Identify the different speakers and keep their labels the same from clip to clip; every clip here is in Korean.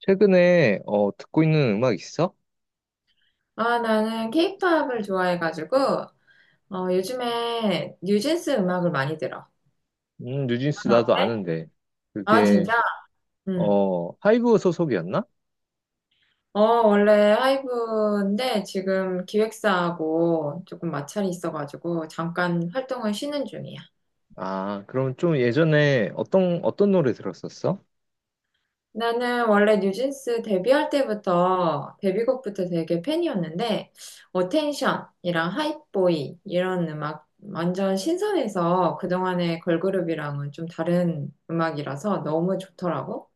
Speaker 1: 최근에 듣고 있는 음악 있어?
Speaker 2: 아, 나는 케이팝을 좋아해가지고, 요즘에 뉴진스 음악을 많이 들어.
Speaker 1: 뉴진스
Speaker 2: 너는
Speaker 1: 나도
Speaker 2: 어때?
Speaker 1: 아는데.
Speaker 2: 아,
Speaker 1: 그게
Speaker 2: 진짜? 응.
Speaker 1: 하이브 소속이었나?
Speaker 2: 어, 원래 하이브인데 지금 기획사하고 조금 마찰이 있어가지고 잠깐 활동을 쉬는 중이야.
Speaker 1: 아, 그럼 좀 예전에 어떤 노래 들었었어?
Speaker 2: 나는 원래 뉴진스 데뷔할 때부터, 데뷔곡부터 되게 팬이었는데, 어텐션이랑 하이보이 이런 음악 완전 신선해서 그동안의 걸그룹이랑은 좀 다른 음악이라서 너무 좋더라고.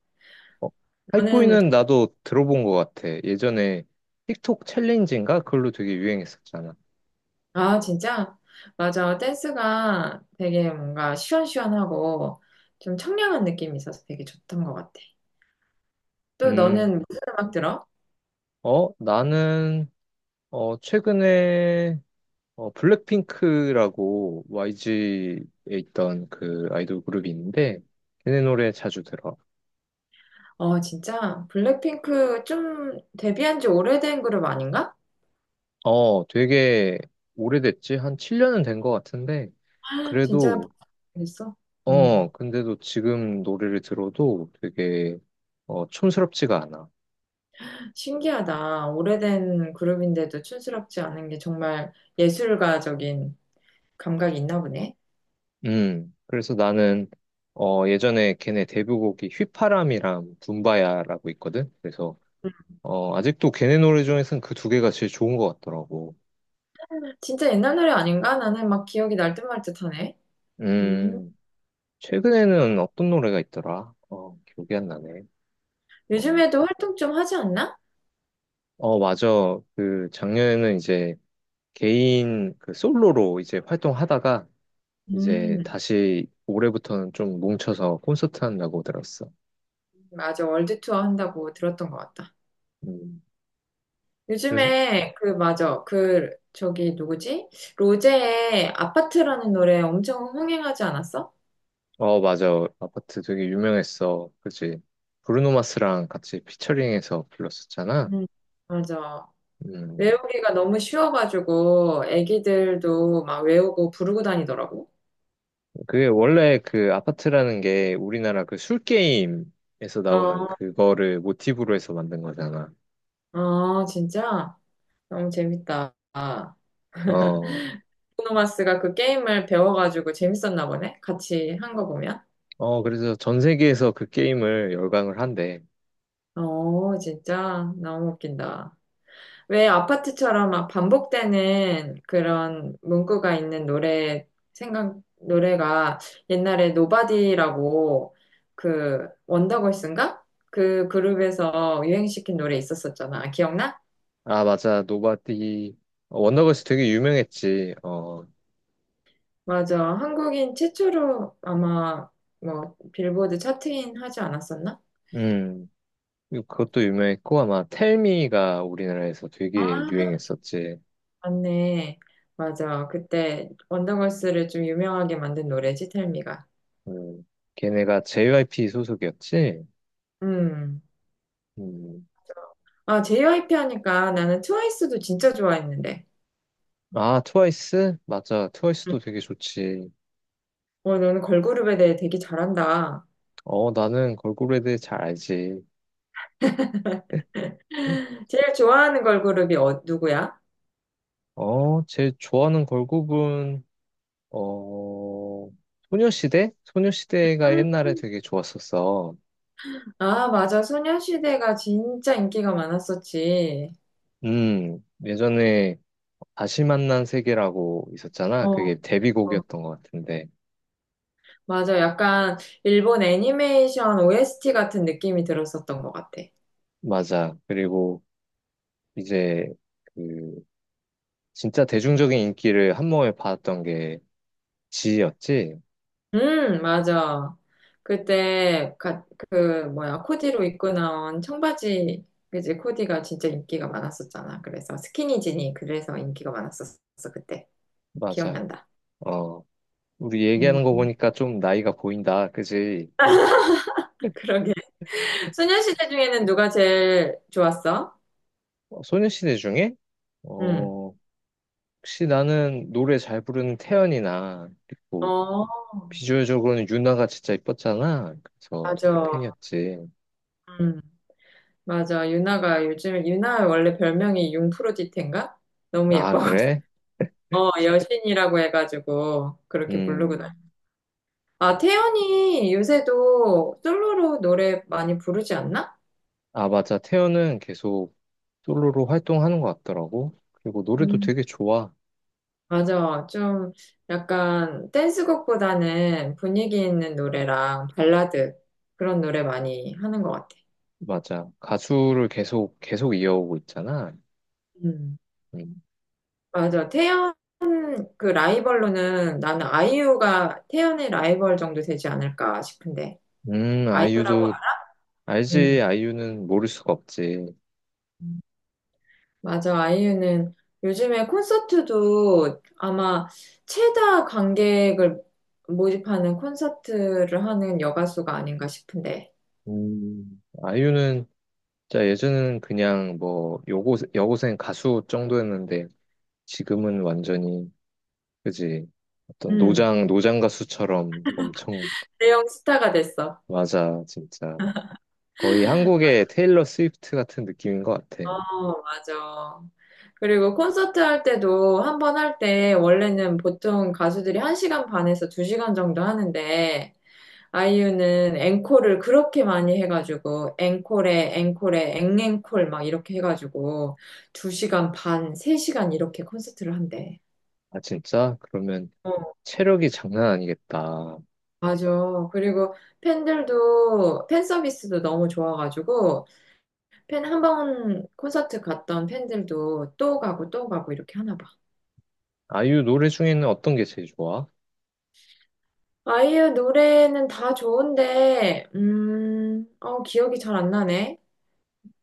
Speaker 1: 어,
Speaker 2: 저는,
Speaker 1: 하이보이는 나도 들어본 것 같아. 예전에 틱톡 챌린지인가? 그걸로 되게 유행했었잖아.
Speaker 2: 아, 진짜? 맞아. 댄스가 되게 뭔가 시원시원하고 좀 청량한 느낌이 있어서 되게 좋던 것 같아. 또
Speaker 1: 음,
Speaker 2: 너는 무슨 음악 들어?
Speaker 1: 나는 최근에 블랙핑크라고 YG에 있던 그 아이돌 그룹이 있는데 걔네 노래 자주 들어.
Speaker 2: 어, 진짜? 블랙핑크 좀 데뷔한 지 오래된 그룹 아닌가?
Speaker 1: 되게 오래됐지? 한 7년은 된 것 같은데,
Speaker 2: 진짜
Speaker 1: 그래도,
Speaker 2: 됐어? 음,
Speaker 1: 근데도 지금 노래를 들어도 되게, 촌스럽지가 않아.
Speaker 2: 신기하다. 오래된 그룹인데도 촌스럽지 않은 게 정말 예술가적인 감각이 있나 보네.
Speaker 1: 그래서 나는, 예전에 걔네 데뷔곡이 휘파람이랑 붐바야라고 있거든? 그래서, 아직도 걔네 노래 중에서는 그 두 개가 제일 좋은 것 같더라고.
Speaker 2: 진짜 옛날 노래 아닌가? 나는 막 기억이 날듯 말 듯하네. 음,
Speaker 1: 음, 최근에는 어떤 노래가 있더라? 기억이 안 나네. 어,
Speaker 2: 요즘에도 활동 좀 하지 않나?
Speaker 1: 맞아. 그, 작년에는 이제, 개인 그 솔로로 이제 활동하다가 이제
Speaker 2: 음,
Speaker 1: 다시 올해부터는 좀 뭉쳐서 콘서트 한다고 들었어.
Speaker 2: 맞아. 월드 투어 한다고 들었던 것 같다.
Speaker 1: 음. 그래서
Speaker 2: 요즘에 그 맞아. 그 저기 누구지? 로제의 아파트라는 노래 엄청 흥행하지 않았어?
Speaker 1: 맞아, 아파트 되게 유명했어. 그지? 브루노 마스랑 같이 피처링해서 불렀었잖아.
Speaker 2: 음, 맞아.
Speaker 1: 음.
Speaker 2: 외우기가 너무 쉬워가지고 애기들도 막 외우고 부르고 다니더라고.
Speaker 1: 그게 원래 그 아파트라는 게 우리나라 그 술 게임에서 나오는
Speaker 2: 어,
Speaker 1: 그거를 모티브로 해서 만든 거잖아.
Speaker 2: 어, 진짜 너무 재밌다.
Speaker 1: 어.
Speaker 2: 브루노마스가 그 게임을 배워가지고 재밌었나 보네. 같이 한 거 보면.
Speaker 1: 그래서 전 세계에서 그 게임을 열광을 한대.
Speaker 2: 어, 진짜 너무 웃긴다. 왜 아파트처럼 막 반복되는 그런 문구가 있는 노래 생각 노래가 옛날에 노바디라고 그 원더걸스인가? 그 그룹에서 유행시킨 노래 있었었잖아. 기억나?
Speaker 1: 아, 맞아. 노바디. 원더걸스 되게 유명했지.
Speaker 2: 맞아. 한국인 최초로 아마 뭐 빌보드 차트인 하지 않았었나?
Speaker 1: 음. 그리고 그것도 유명했고, 아마 텔미가 우리나라에서
Speaker 2: 아,
Speaker 1: 되게 유행했었지.
Speaker 2: 맞네. 맞아. 그때 원더걸스를 좀 유명하게 만든 노래지, 텔미가.
Speaker 1: 음. 걔네가 JYP 소속이었지.
Speaker 2: 음.
Speaker 1: 음.
Speaker 2: 아, JYP 하니까 나는 트와이스도 진짜 좋아했는데.
Speaker 1: 아, 트와이스? 맞아. 트와이스도 되게 좋지.
Speaker 2: 응. 너는 걸그룹에 대해 되게 잘한다.
Speaker 1: 나는 걸그룹에 대해 잘 알지.
Speaker 2: 제일 좋아하는 걸그룹이 누구야?
Speaker 1: 제일 좋아하는 걸그룹은, 어, 소녀시대? 소녀시대가
Speaker 2: 음,
Speaker 1: 옛날에 되게 좋았었어.
Speaker 2: 아, 맞아. 소녀시대가 진짜 인기가 많았었지.
Speaker 1: 예전에 다시 만난 세계라고
Speaker 2: 어,
Speaker 1: 있었잖아.
Speaker 2: 어.
Speaker 1: 그게 데뷔곡이었던 것 같은데.
Speaker 2: 맞아. 약간 일본 애니메이션 OST 같은 느낌이 들었었던 것 같아.
Speaker 1: 맞아. 그리고 이제 그 진짜 대중적인 인기를 한 몸에 받았던 게 지였지.
Speaker 2: 맞아. 그때 그 뭐야 코디로 입고 나온 청바지 그지 코디가 진짜 인기가 많았었잖아. 그래서 스키니진이 그래서 인기가 많았었어 그때
Speaker 1: 맞아.
Speaker 2: 기억난다.
Speaker 1: 어, 우리
Speaker 2: 음,
Speaker 1: 얘기하는 거 보니까 좀 나이가 보인다. 그지?
Speaker 2: 그러게. 소녀시대 중에는 누가 제일 좋았어?
Speaker 1: 소녀시대 중에
Speaker 2: 음.
Speaker 1: 어, 혹시 나는 노래 잘 부르는 태연이나 그리고
Speaker 2: 어,
Speaker 1: 비주얼적으로는 윤아가 진짜 이뻤잖아. 그래서 되게
Speaker 2: 맞아.
Speaker 1: 팬이었지.
Speaker 2: 음, 맞아. 유나가 요즘에 유나 원래 별명이 융프로디테인가? 너무
Speaker 1: 아,
Speaker 2: 예뻐가지고
Speaker 1: 그래?
Speaker 2: 여신이라고 해가지고 그렇게 부르고
Speaker 1: 음.
Speaker 2: 아, 태연이 요새도 솔로로 노래 많이 부르지 않나?
Speaker 1: 아, 맞아. 태연은 계속 솔로로 활동하는 것 같더라고. 그리고 노래도
Speaker 2: 음,
Speaker 1: 되게 좋아.
Speaker 2: 맞아. 좀 약간 댄스곡보다는 분위기 있는 노래랑 발라드 그런 노래 많이 하는 것 같아.
Speaker 1: 맞아. 가수를 계속, 계속 이어오고 있잖아.
Speaker 2: 음.
Speaker 1: 음,
Speaker 2: 맞아. 태연 그 라이벌로는 나는 아이유가 태연의 라이벌 정도 되지 않을까 싶은데. 아이유라고,
Speaker 1: 아이유도,
Speaker 2: 음.
Speaker 1: 알지, 아이유는 모를 수가 없지.
Speaker 2: 맞아. 아이유는 요즘에 콘서트도 아마 최다 관객을 모집하는 콘서트를 하는 여가수가 아닌가 싶은데.
Speaker 1: 아이유는, 진짜 예전에는 그냥 뭐, 여고생 가수 정도였는데, 지금은 완전히, 그지, 어떤
Speaker 2: 음,
Speaker 1: 노장 가수처럼 엄청,
Speaker 2: 대형 스타가 됐어.
Speaker 1: 맞아, 진짜. 거의 한국의 테일러 스위프트 같은 느낌인 것 같아.
Speaker 2: 어, 맞아. 그리고 콘서트 할 때도 한 번 할 때 원래는 보통 가수들이 한 시간 반에서 두 시간 정도 하는데 아이유는 앵콜을 그렇게 많이 해가지고, 앵콜에, 앵콜에, 앵앵콜 막 이렇게 해가지고, 2시간 반, 3시간 이렇게 콘서트를 한대.
Speaker 1: 아, 진짜? 그러면,
Speaker 2: 어,
Speaker 1: 체력이 장난 아니겠다.
Speaker 2: 맞아. 그리고 팬들도, 팬 서비스도 너무 좋아가지고, 팬 한 번 콘서트 갔던 팬들도 또 가고 또 가고 이렇게 하나 봐.
Speaker 1: 아이유 노래 중에는 어떤 게 제일 좋아?
Speaker 2: 아이유 노래는 다 좋은데, 기억이 잘 안 나네.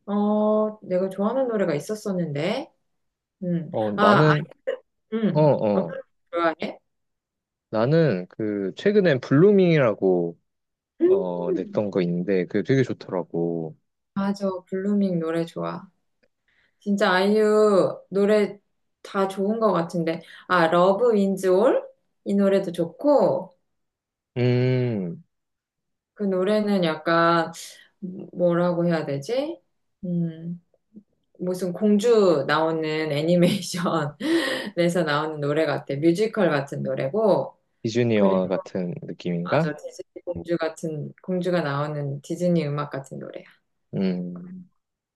Speaker 2: 내가 좋아하는 노래가 있었었는데,
Speaker 1: 어,
Speaker 2: 아,
Speaker 1: 나는, 어,
Speaker 2: 응. 블루밍
Speaker 1: 어.
Speaker 2: 좋아해?
Speaker 1: 나는 그, 최근엔 블루밍이라고,
Speaker 2: 음,
Speaker 1: 냈던 거 있는데, 그게 되게 좋더라고.
Speaker 2: 맞아. 블루밍 노래 좋아. 진짜 아이유 노래 다 좋은 것 같은데. 아, 러브 윈즈 올? 이 노래도 좋고,
Speaker 1: 음,
Speaker 2: 그 노래는 약간, 뭐라고 해야 되지? 음, 무슨 공주 나오는 애니메이션에서 나오는 노래 같아. 뮤지컬 같은 노래고,
Speaker 1: 디즈니
Speaker 2: 그래,
Speaker 1: 영화 같은 느낌인가?
Speaker 2: 맞아. 디즈니 공주 같은, 공주가 나오는 디즈니 음악 같은 노래.
Speaker 1: 음,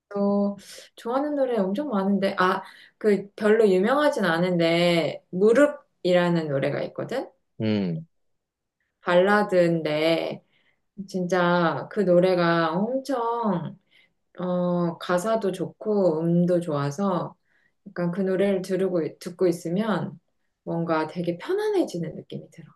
Speaker 2: 또 좋아하는 노래 엄청 많은데, 아, 그 별로 유명하진 않은데, 무릎이라는 노래가 있거든?
Speaker 1: 음.
Speaker 2: 발라드인데, 진짜 그 노래가 엄청, 가사도 좋고, 음도 좋아서, 약간 그 노래를 듣고 있으면 뭔가 되게 편안해지는 느낌이 들어.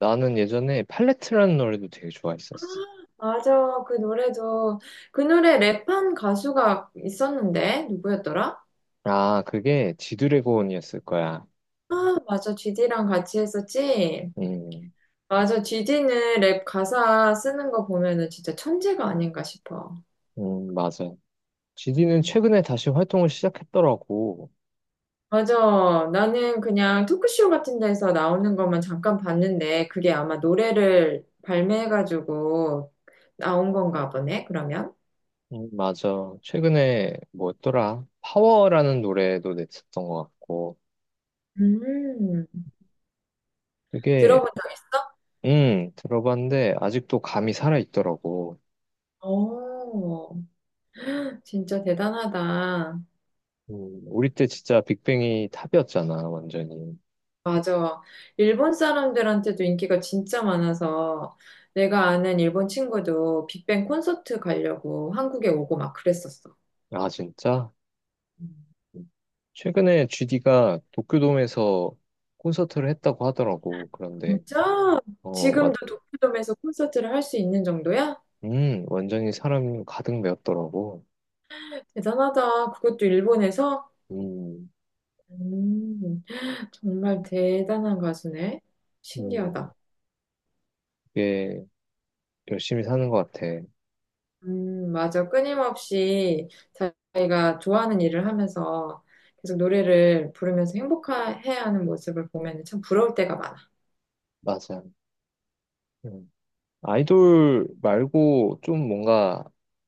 Speaker 1: 나는 예전에 팔레트라는 노래도 되게 좋아했었어.
Speaker 2: 맞아, 그 노래도, 그 노래 랩한 가수가 있었는데, 누구였더라?
Speaker 1: 아, 그게 지드래곤이었을 거야.
Speaker 2: 아, 맞아, GD랑 같이 했었지?
Speaker 1: 음,
Speaker 2: 맞아. GD는 랩 가사 쓰는 거 보면은 진짜 천재가 아닌가 싶어.
Speaker 1: 맞아. 지디는
Speaker 2: 음.
Speaker 1: 최근에 다시 활동을 시작했더라고.
Speaker 2: 맞아. 나는 그냥 토크쇼 같은 데서 나오는 것만 잠깐 봤는데 그게 아마 노래를 발매해가지고 나온 건가 보네, 그러면.
Speaker 1: 맞아. 최근에 뭐였더라? 파워라는 노래도 냈었던 것 같고.
Speaker 2: 음.
Speaker 1: 그게,
Speaker 2: 들어본 적 있어?
Speaker 1: 들어봤는데 아직도 감이 살아있더라고.
Speaker 2: 오, 진짜 대단하다.
Speaker 1: 음, 우리 때 진짜 빅뱅이 탑이었잖아, 완전히.
Speaker 2: 맞아. 일본 사람들한테도 인기가 진짜 많아서 내가 아는 일본 친구도 빅뱅 콘서트 가려고 한국에 오고 막 그랬었어.
Speaker 1: 아, 진짜?
Speaker 2: 음.
Speaker 1: 음. 최근에 GD가 도쿄돔에서 콘서트를 했다고 하더라고. 그런데,
Speaker 2: 진짜?
Speaker 1: 어, 와,
Speaker 2: 지금도 도쿄돔에서 콘서트를 할 수 있는 정도야?
Speaker 1: 완전히 사람 가득 메웠더라고.
Speaker 2: 대단하다. 그것도 일본에서?
Speaker 1: 음,
Speaker 2: 음, 정말 대단한 가수네.
Speaker 1: 음,
Speaker 2: 신기하다.
Speaker 1: 그게 열심히 사는 것 같아.
Speaker 2: 맞아. 끊임없이 자기가 좋아하는 일을 하면서 계속 노래를 부르면서 행복해야 하는 모습을 보면 참 부러울 때가 많아.
Speaker 1: 맞아. 음. 아이돌 말고 좀 뭔가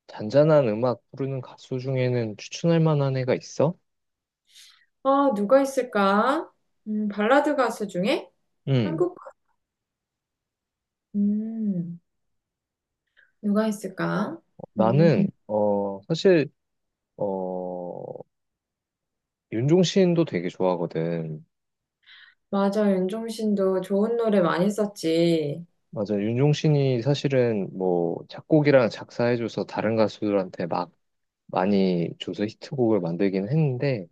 Speaker 1: 잔잔한 음악 부르는 가수 중에는 추천할 만한 애가 있어?
Speaker 2: 아, 누가 있을까? 발라드 가수 중에
Speaker 1: 음,
Speaker 2: 한국, 가- 음, 누가 있을까? 음,
Speaker 1: 나는, 사실, 어, 윤종신도 되게 좋아하거든.
Speaker 2: 맞아. 윤종신도 좋은 노래 많이 썼지.
Speaker 1: 맞아, 윤종신이 사실은 뭐 작곡이랑 작사해줘서 다른 가수들한테 막 많이 줘서 히트곡을 만들긴 했는데,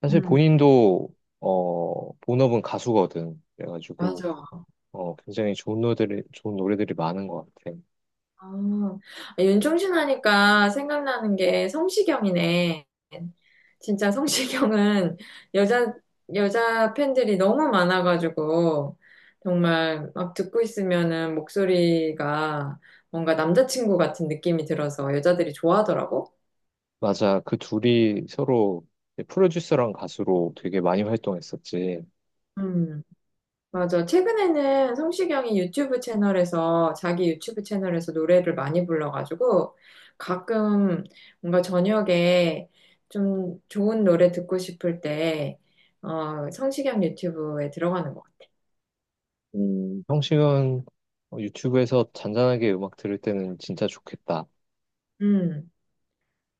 Speaker 1: 사실
Speaker 2: 음,
Speaker 1: 본인도, 본업은 가수거든.
Speaker 2: 맞아.
Speaker 1: 그래가지고, 굉장히 좋은 노래들이 많은 것 같아.
Speaker 2: 아, 아, 윤종신 하니까 생각나는 게 성시경이네. 진짜 성시경은 여자, 여자 팬들이 너무 많아가지고, 정말 막 듣고 있으면은 목소리가 뭔가 남자친구 같은 느낌이 들어서 여자들이 좋아하더라고.
Speaker 1: 맞아. 그 둘이 서로 이제 프로듀서랑 가수로 되게 많이 활동했었지.
Speaker 2: 음. 맞아. 최근에는 성시경이 유튜브 채널에서, 자기 유튜브 채널에서 노래를 많이 불러가지고, 가끔 뭔가 저녁에 좀 좋은 노래 듣고 싶을 때, 성시경 유튜브에 들어가는 것 같아.
Speaker 1: 형식은 유튜브에서 잔잔하게 음악 들을 때는 진짜 좋겠다.
Speaker 2: 음,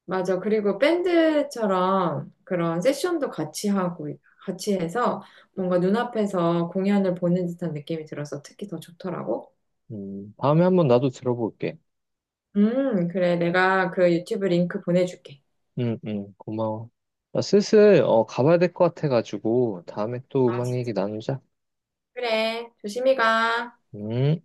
Speaker 2: 맞아. 그리고 밴드처럼 그런 세션도 같이 하고, 같이 해서 뭔가 눈앞에서 공연을 보는 듯한 느낌이 들어서 특히 더 좋더라고.
Speaker 1: 다음에 한번 나도 들어볼게.
Speaker 2: 그래. 내가 그 유튜브 링크 보내줄게.
Speaker 1: 응, 응, 고마워. 나 슬슬 가봐야 될 것 같아가지고 다음에 또
Speaker 2: 아,
Speaker 1: 음악 얘기 나누자.
Speaker 2: 그래, 조심히 가.
Speaker 1: 음.